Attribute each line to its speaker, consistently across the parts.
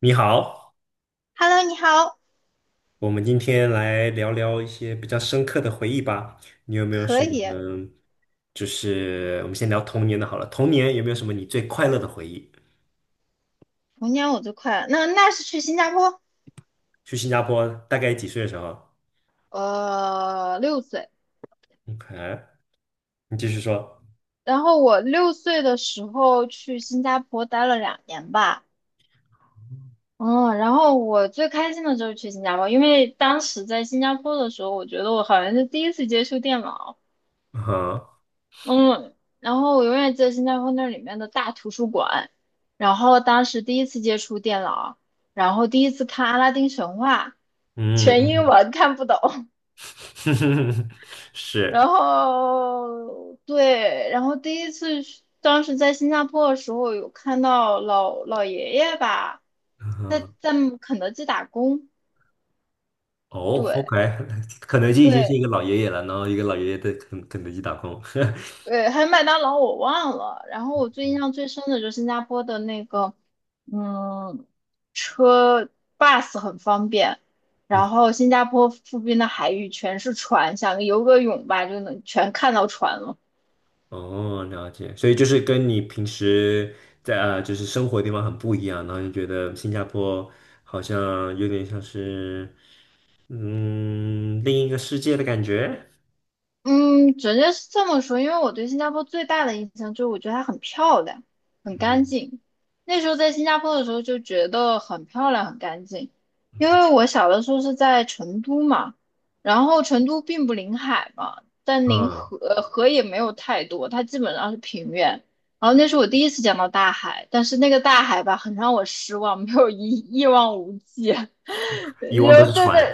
Speaker 1: 你好，
Speaker 2: Hello，你好，
Speaker 1: 我们今天来聊聊一些比较深刻的回忆吧。你有没有什
Speaker 2: 可
Speaker 1: 么？
Speaker 2: 以，
Speaker 1: 嗯就是我们先聊童年的好了。童年有没有什么你最快乐的回忆？
Speaker 2: 童年我最快了。那是去新加坡，
Speaker 1: 去新加坡大概几岁的时候
Speaker 2: 六岁。
Speaker 1: ？OK，你继续说。
Speaker 2: 然后我6岁的时候去新加坡待了2年吧，嗯，然后我最开心的就是去新加坡，因为当时在新加坡的时候，我觉得我好像是第一次接触电脑，
Speaker 1: 嗯哼，
Speaker 2: 嗯，然后我永远记得新加坡那里面的大图书馆，然后当时第一次接触电脑，然后第一次看《阿拉丁神话》，
Speaker 1: 嗯，
Speaker 2: 全英
Speaker 1: 嗯
Speaker 2: 文看不懂。然
Speaker 1: 是，
Speaker 2: 后对，然后第一次去当时在新加坡的时候，有看到老老爷爷吧，
Speaker 1: 嗯
Speaker 2: 在
Speaker 1: 哼，
Speaker 2: 在肯德基打工，
Speaker 1: 哦
Speaker 2: 对
Speaker 1: ，OK，肯德基已经是一
Speaker 2: 对
Speaker 1: 个老爷爷了，然后一个老爷爷在肯德基打工。
Speaker 2: 对，还有麦当劳我忘了。然后我最印象最深的就是新加坡的那个，嗯，车 bus 很方便，然
Speaker 1: 嗯。
Speaker 2: 后新加坡附近的海域全是船，想游个泳吧就能全看到船了。
Speaker 1: 哦，了解，所以就是跟你平时在啊，就是生活的地方很不一样，然后就觉得新加坡好像有点像是另一个世界的感觉，
Speaker 2: 嗯，直接是这么说，因为我对新加坡最大的印象就是，我觉得它很漂亮，很干
Speaker 1: 嗯
Speaker 2: 净。那时候在新加坡的时候就觉得很漂亮，很干净。因为我小的时候是在成都嘛，然后成都并不临海嘛，但临
Speaker 1: 嗯，
Speaker 2: 河河也没有太多，它基本上是平原。然后那是我第一次见到大海，但是那个大海吧，很让我失望，没有一望无际，然
Speaker 1: 以往都是
Speaker 2: 后对
Speaker 1: 船，
Speaker 2: 面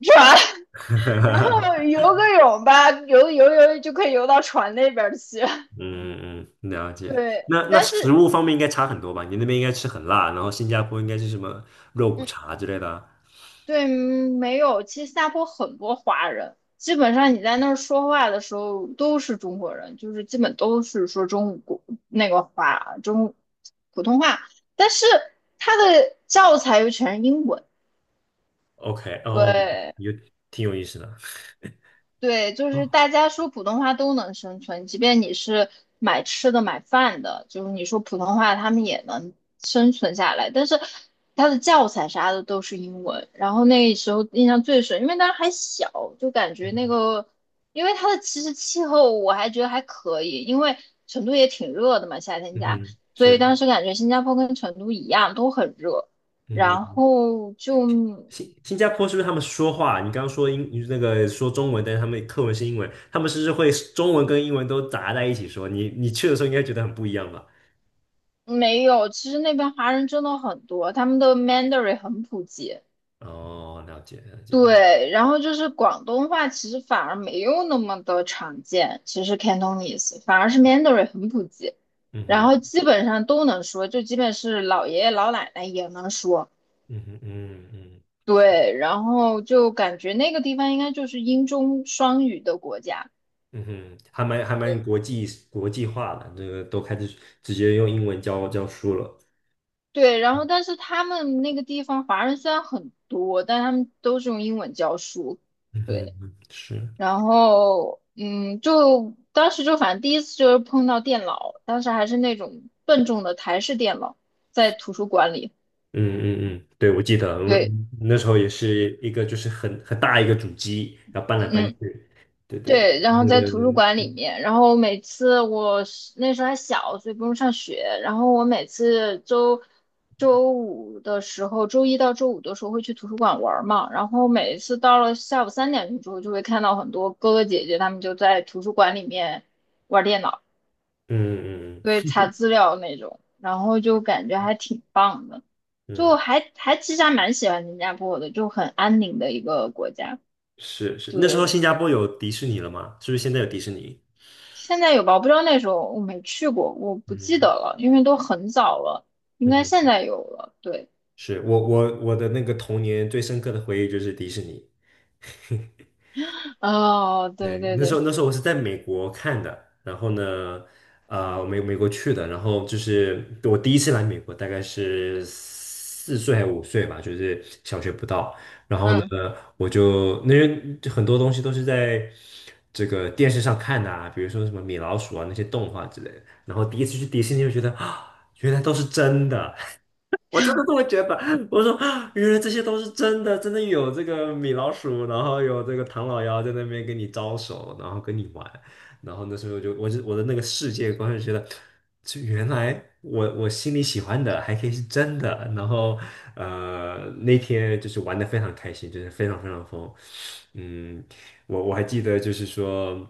Speaker 2: 是吧 然后 游个泳吧，游游游就可以游到船那边去。
Speaker 1: 嗯嗯，了解。
Speaker 2: 对，
Speaker 1: 那
Speaker 2: 但
Speaker 1: 食
Speaker 2: 是
Speaker 1: 物方面应该差很多吧？你那边应该吃很辣，然后新加坡应该是什么肉骨
Speaker 2: 嗯，
Speaker 1: 茶之类的
Speaker 2: 对，没有。其实新加坡很多华人，基本上你在那儿说话的时候都是中国人，就是基本都是说中国那个华中普通话，但是他的教材又全是英文。
Speaker 1: o k 哦，
Speaker 2: 对。
Speaker 1: 有挺有意思的，
Speaker 2: 对，就
Speaker 1: 哦，
Speaker 2: 是大家说普通话都能生存，即便你是买吃的、买饭的，就是你说普通话，他们也能生存下来。但是他的教材啥的都是英文，然后那时候印象最深，因为当时还小，就感觉那个，因为它的其实气候我还觉得还可以，因为成都也挺热的嘛，夏天
Speaker 1: 嗯
Speaker 2: 家，
Speaker 1: 哼，
Speaker 2: 所以
Speaker 1: 是，
Speaker 2: 当时感觉新加坡跟成都一样都很热，然
Speaker 1: 嗯。
Speaker 2: 后就。
Speaker 1: 新加坡是不是他们说话？你刚刚说英那个说中文，但是他们课文是英文，他们是不是会中文跟英文都杂在一起说？你去的时候应该觉得很不一样吧？
Speaker 2: 没有，其实那边华人真的很多，他们的 Mandarin 很普及。
Speaker 1: 哦，了解了解，
Speaker 2: 对，然后就是广东话，其实反而没有那么的常见。其实 Cantonese 反而是 Mandarin 很普及，
Speaker 1: 嗯
Speaker 2: 然
Speaker 1: 哼
Speaker 2: 后基本上都能说，就基本是老爷爷老奶奶也能说。
Speaker 1: 嗯哼嗯嗯
Speaker 2: 对，然后就感觉那个地方应该就是英中双语的国家。
Speaker 1: 嗯哼，还蛮国际化的，这个都开始直接用英文教书了。
Speaker 2: 对，然后但是他们那个地方华人虽然很多，但他们都是用英文教书。
Speaker 1: 嗯
Speaker 2: 对。
Speaker 1: 哼，是，嗯
Speaker 2: 然后，嗯，就当时就反正第一次就是碰到电脑，当时还是那种笨重的台式电脑，在图书馆里。
Speaker 1: 嗯嗯，对，我记得，我们我
Speaker 2: 对，
Speaker 1: 们那时候也是一个就是很大一个主机，然后搬来搬
Speaker 2: 嗯，
Speaker 1: 去，对对对，
Speaker 2: 对，然后在图书
Speaker 1: 嗯
Speaker 2: 馆里面，然后每次我是那时候还小，所以不用上学，然后我每次周一到周五的时候会去图书馆玩儿嘛，然后每次到了下午3点钟之后，就会看到很多哥哥姐姐他们就在图书馆里面玩电脑。
Speaker 1: 嗯嗯。
Speaker 2: 对，查资料那种，然后就感觉还挺棒的，就
Speaker 1: 嗯，
Speaker 2: 还其实还蛮喜欢新加坡的，就很安宁的一个国家。
Speaker 1: 是是，那时候
Speaker 2: 对，
Speaker 1: 新加坡有迪士尼了吗？是不是现在有迪士尼？
Speaker 2: 现在有吧？我不知道那时候我没去过，我不记得
Speaker 1: 嗯
Speaker 2: 了，因为都很早了，应
Speaker 1: 嗯
Speaker 2: 该
Speaker 1: 哼，
Speaker 2: 现在有了。对，
Speaker 1: 是我的那个童年最深刻的回忆就是迪士尼。
Speaker 2: 哦，对
Speaker 1: 对，
Speaker 2: 对
Speaker 1: 那时
Speaker 2: 对，
Speaker 1: 候那时候我是在美国看的，然后呢，啊、我美国去的，然后就是我第一次来美国，大概是4岁还5岁吧，就是小学不到。然后呢，
Speaker 2: 嗯
Speaker 1: 我就那些就很多东西都是在这个电视上看的啊，比如说什么米老鼠啊那些动画之类的。然后第一次去迪士尼，就觉得啊，原来都是真的。我真的这么觉得。我说啊原来这些都是真的，真的有这个米老鼠，然后有这个唐老鸭在那边跟你招手，然后跟你玩。然后那时候就，我的那个世界观就觉得，就原来我心里喜欢的还可以是真的。然后那天就是玩的非常开心，就是非常非常疯。嗯，我还记得就是说。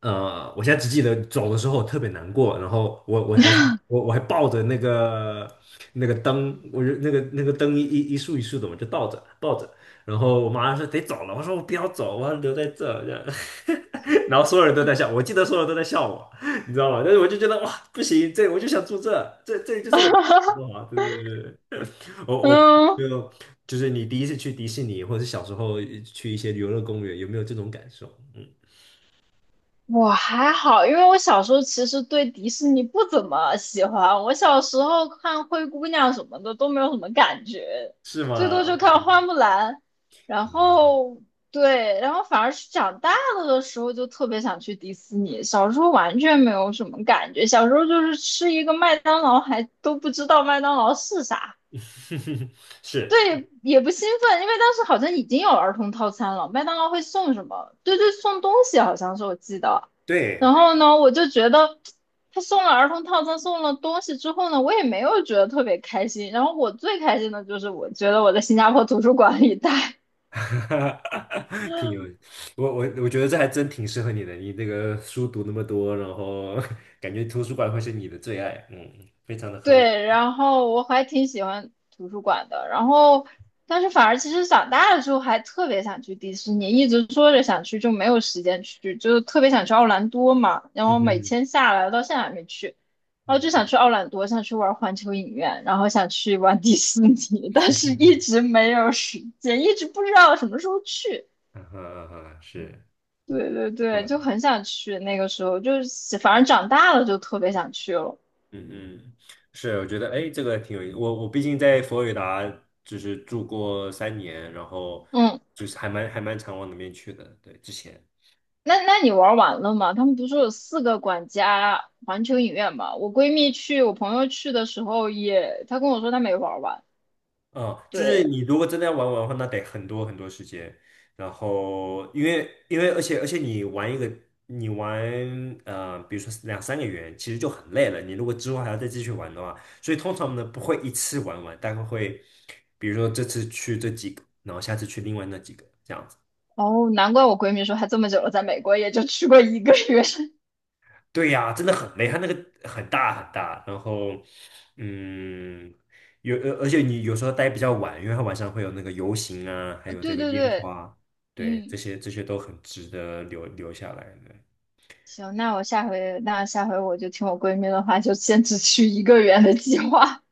Speaker 1: 我现在只记得走的时候特别难过，然后我我还抱着那个灯，我就那个灯一束一束的，我就倒着抱着，然后我妈说得走了，我说我不要走，我要留在这，这样，然后所有人都在笑，我记得所有人都在笑我，你知道吗？但是我就觉得哇，不行，这我就想住这，这就是我。哇，对对对，对 我我
Speaker 2: 嗯，
Speaker 1: 就就是你第一次去迪士尼，或者是小时候去一些游乐公园，有没有这种感受？嗯，
Speaker 2: 我还好，因为我小时候其实对迪士尼不怎么喜欢，我小时候看灰姑娘什么的都没有什么感觉，
Speaker 1: 是
Speaker 2: 最
Speaker 1: 吗
Speaker 2: 多就看
Speaker 1: ？OK。
Speaker 2: 花木兰，然
Speaker 1: 嗯，
Speaker 2: 后对，然后反而是长大了的时候就特别想去迪士尼，小时候完全没有什么感觉，小时候就是吃一个麦当劳还都不知道麦当劳是啥。
Speaker 1: 是，
Speaker 2: 对，也不兴奋，因为当时好像已经有儿童套餐了，麦当劳会送什么？对对，送东西好像是我记得。然
Speaker 1: 对，
Speaker 2: 后呢，我就觉得他送了儿童套餐，送了东西之后呢，我也没有觉得特别开心。然后我最开心的就是我觉得我在新加坡图书馆里待。
Speaker 1: 挺有，我觉得这还真挺适合你的。你这个书读那么多，然后 感觉图书馆会是你的最爱，非常的合理。
Speaker 2: 对，然后我还挺喜欢图书馆的，然后但是反而其实长大了之后还特别想去迪士尼，一直说着想去，就没有时间去，就是特别想去奥兰多嘛，然
Speaker 1: 嗯
Speaker 2: 后每
Speaker 1: 哼，
Speaker 2: 天下来了到现在还没去，然后
Speaker 1: 嗯
Speaker 2: 就想去奥兰多，想去玩环球影院，然后想去玩迪士尼，但是
Speaker 1: 嗯
Speaker 2: 一
Speaker 1: 哼，
Speaker 2: 直没有时间，一直不知道什么时候去。
Speaker 1: 啊哈啊哈，是
Speaker 2: 对对对，
Speaker 1: 我，
Speaker 2: 就很想去，那个时候就是反正长大了就特别想去了。
Speaker 1: 嗯嗯，是，我觉得哎，这个挺有意思。我毕竟在佛罗里达就是住过3年，然后
Speaker 2: 嗯
Speaker 1: 就是还蛮常往那边去的，对，之前。
Speaker 2: 那你玩完了吗？他们不是有四个管家环球影院吗？我闺蜜去，我朋友去的时候也，她跟我说她没玩完。
Speaker 1: 嗯，就是
Speaker 2: 对，
Speaker 1: 你如果真的要玩玩的话，那得很多很多时间。然后，因为而且你玩一个，你玩比如说两三个月，其实就很累了。你如果之后还要再继续玩的话，所以通常呢不会一次玩完，大概会，比如说这次去这几个，然后下次去另外那几个，这样子。
Speaker 2: 哦，难怪我闺蜜说她这么久了，在美国也就去过一个月。
Speaker 1: 对呀，真的很累，它那个很大很大，然后，嗯，有，而且你有时候待比较晚，因为它晚上会有那个游行啊，还
Speaker 2: 呃
Speaker 1: 有这
Speaker 2: 对
Speaker 1: 个
Speaker 2: 对
Speaker 1: 烟
Speaker 2: 对，
Speaker 1: 花，对，这
Speaker 2: 嗯，
Speaker 1: 些这些都很值得留下来的。
Speaker 2: 行，那我下回那下回我就听我闺蜜的话，就先只去一个月的计划。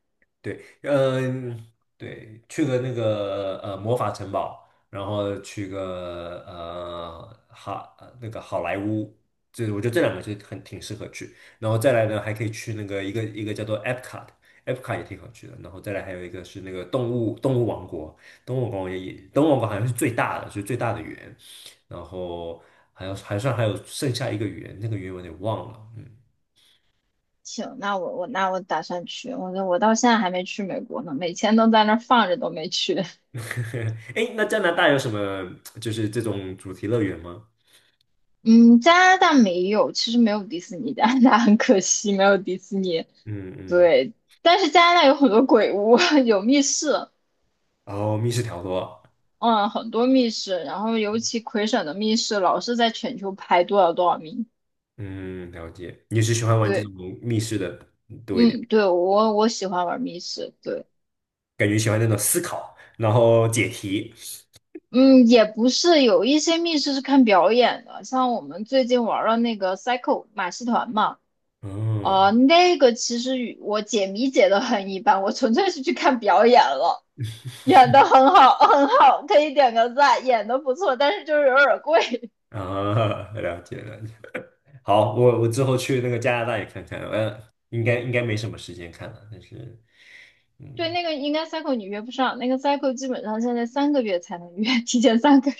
Speaker 1: 对，嗯，对，去个魔法城堡，然后去个好莱坞，这我觉得这两个就很挺适合去。然后再来呢，还可以去那个一个叫做 e p c o t e p c o 也挺好去的。然后再来还有一个是那个动物王国，动物王国也动物王国好像是最大的，园。然后还有剩下一个园，那个园我有点忘了。嗯，
Speaker 2: 行，那我我那我打算去，我我到现在还没去美国呢，每天都在那儿放着都没去。
Speaker 1: 哎，那加拿大有什么就是这种主题乐园吗？
Speaker 2: 嗯，加拿大没有，其实没有迪士尼，加拿大很可惜没有迪士尼。
Speaker 1: 嗯嗯，
Speaker 2: 对，但是加拿大有很多鬼屋，有密室，
Speaker 1: 然后密室逃脱，
Speaker 2: 嗯，很多密室，然后尤其魁省的密室老是在全球排多少多少名。
Speaker 1: 嗯，了解。你是喜欢玩这种
Speaker 2: 对，
Speaker 1: 密室的多一点，
Speaker 2: 嗯，对，我喜欢玩密室，对，
Speaker 1: 感觉喜欢那种思考，然后解题。
Speaker 2: 嗯，也不是，有一些密室是看表演的，像我们最近玩了那个 cycle 马戏团嘛。
Speaker 1: 嗯
Speaker 2: 那个其实与我解谜解的很一般，我纯粹是去看表演了。演的很好，很好，可以点个赞，演的不错，但是就是有点贵。
Speaker 1: 啊，了解了解。好，我之后去那个加拿大也看看，应该没什么时间看了，但是
Speaker 2: 对，
Speaker 1: 嗯，
Speaker 2: 那个应该 cycle 你约不上，那个 cycle 基本上现在3个月才能约，提前三个月。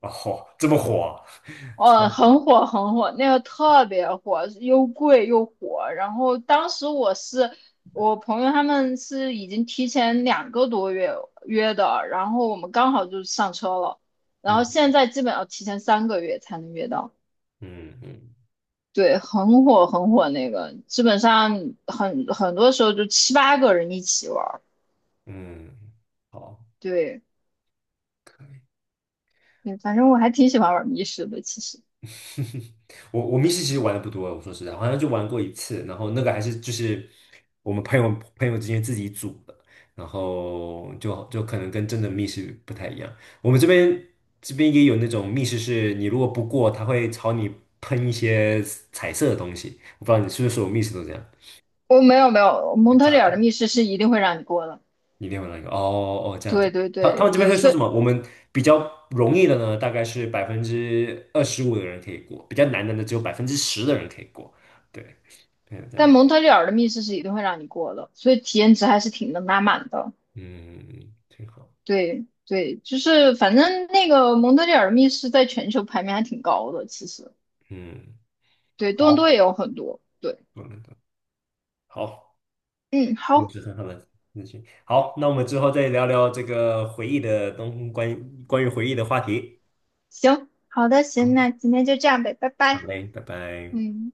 Speaker 1: 哦，这么火啊，超，
Speaker 2: 哦，很火很火，那个特别火，又贵又火。然后当时我是我朋友他们是已经提前2个多月约的，然后我们刚好就上车了。然后现
Speaker 1: 嗯
Speaker 2: 在基本要提前三个月才能约到。
Speaker 1: 嗯嗯
Speaker 2: 对，很火很火那个，基本上很多时候就7、8个人一起玩儿。
Speaker 1: 嗯，好。
Speaker 2: 对，
Speaker 1: 可以。
Speaker 2: 嗯，反正我还挺喜欢玩密室的。其实
Speaker 1: 我密室其实玩的不多，我说实在，我好像就玩过一次，然后那个还是就是我们朋友之间自己组的，然后就可能跟真的密室不太一样。我们这边也有那种密室，是你如果不过，他会朝你喷一些彩色的东西。我不知道你是不是所有密室都这样，
Speaker 2: 我没有，蒙特利
Speaker 1: 炸
Speaker 2: 尔的
Speaker 1: 弹。
Speaker 2: 密室是一定会让你过的。
Speaker 1: 一定有一个哦哦这样子。
Speaker 2: 对对
Speaker 1: 他他
Speaker 2: 对
Speaker 1: 们这边
Speaker 2: 对，
Speaker 1: 会说
Speaker 2: 所
Speaker 1: 什
Speaker 2: 以
Speaker 1: 么？我们比较容易的呢，大概是25%的人可以过，比较难的呢，只有10%的人可以过。对，对，这
Speaker 2: 但
Speaker 1: 样，
Speaker 2: 蒙特利尔的密室是一定会让你过的，所以体验值还是挺能拉满的。
Speaker 1: 嗯，挺好，
Speaker 2: 对对，就是反正那个蒙特利尔的密室在全球排名还挺高的，其实
Speaker 1: 嗯，
Speaker 2: 对多伦多
Speaker 1: 好，
Speaker 2: 也有很多。对，
Speaker 1: 我们的好，
Speaker 2: 嗯，
Speaker 1: 又
Speaker 2: 好，
Speaker 1: 是很好的事情。好，那我们之后再聊聊这个回忆的东关于关于回忆的话题。
Speaker 2: 行，好的，行，
Speaker 1: 好，
Speaker 2: 那今天就这样呗，拜
Speaker 1: 好
Speaker 2: 拜。
Speaker 1: 嘞，拜拜。
Speaker 2: 嗯。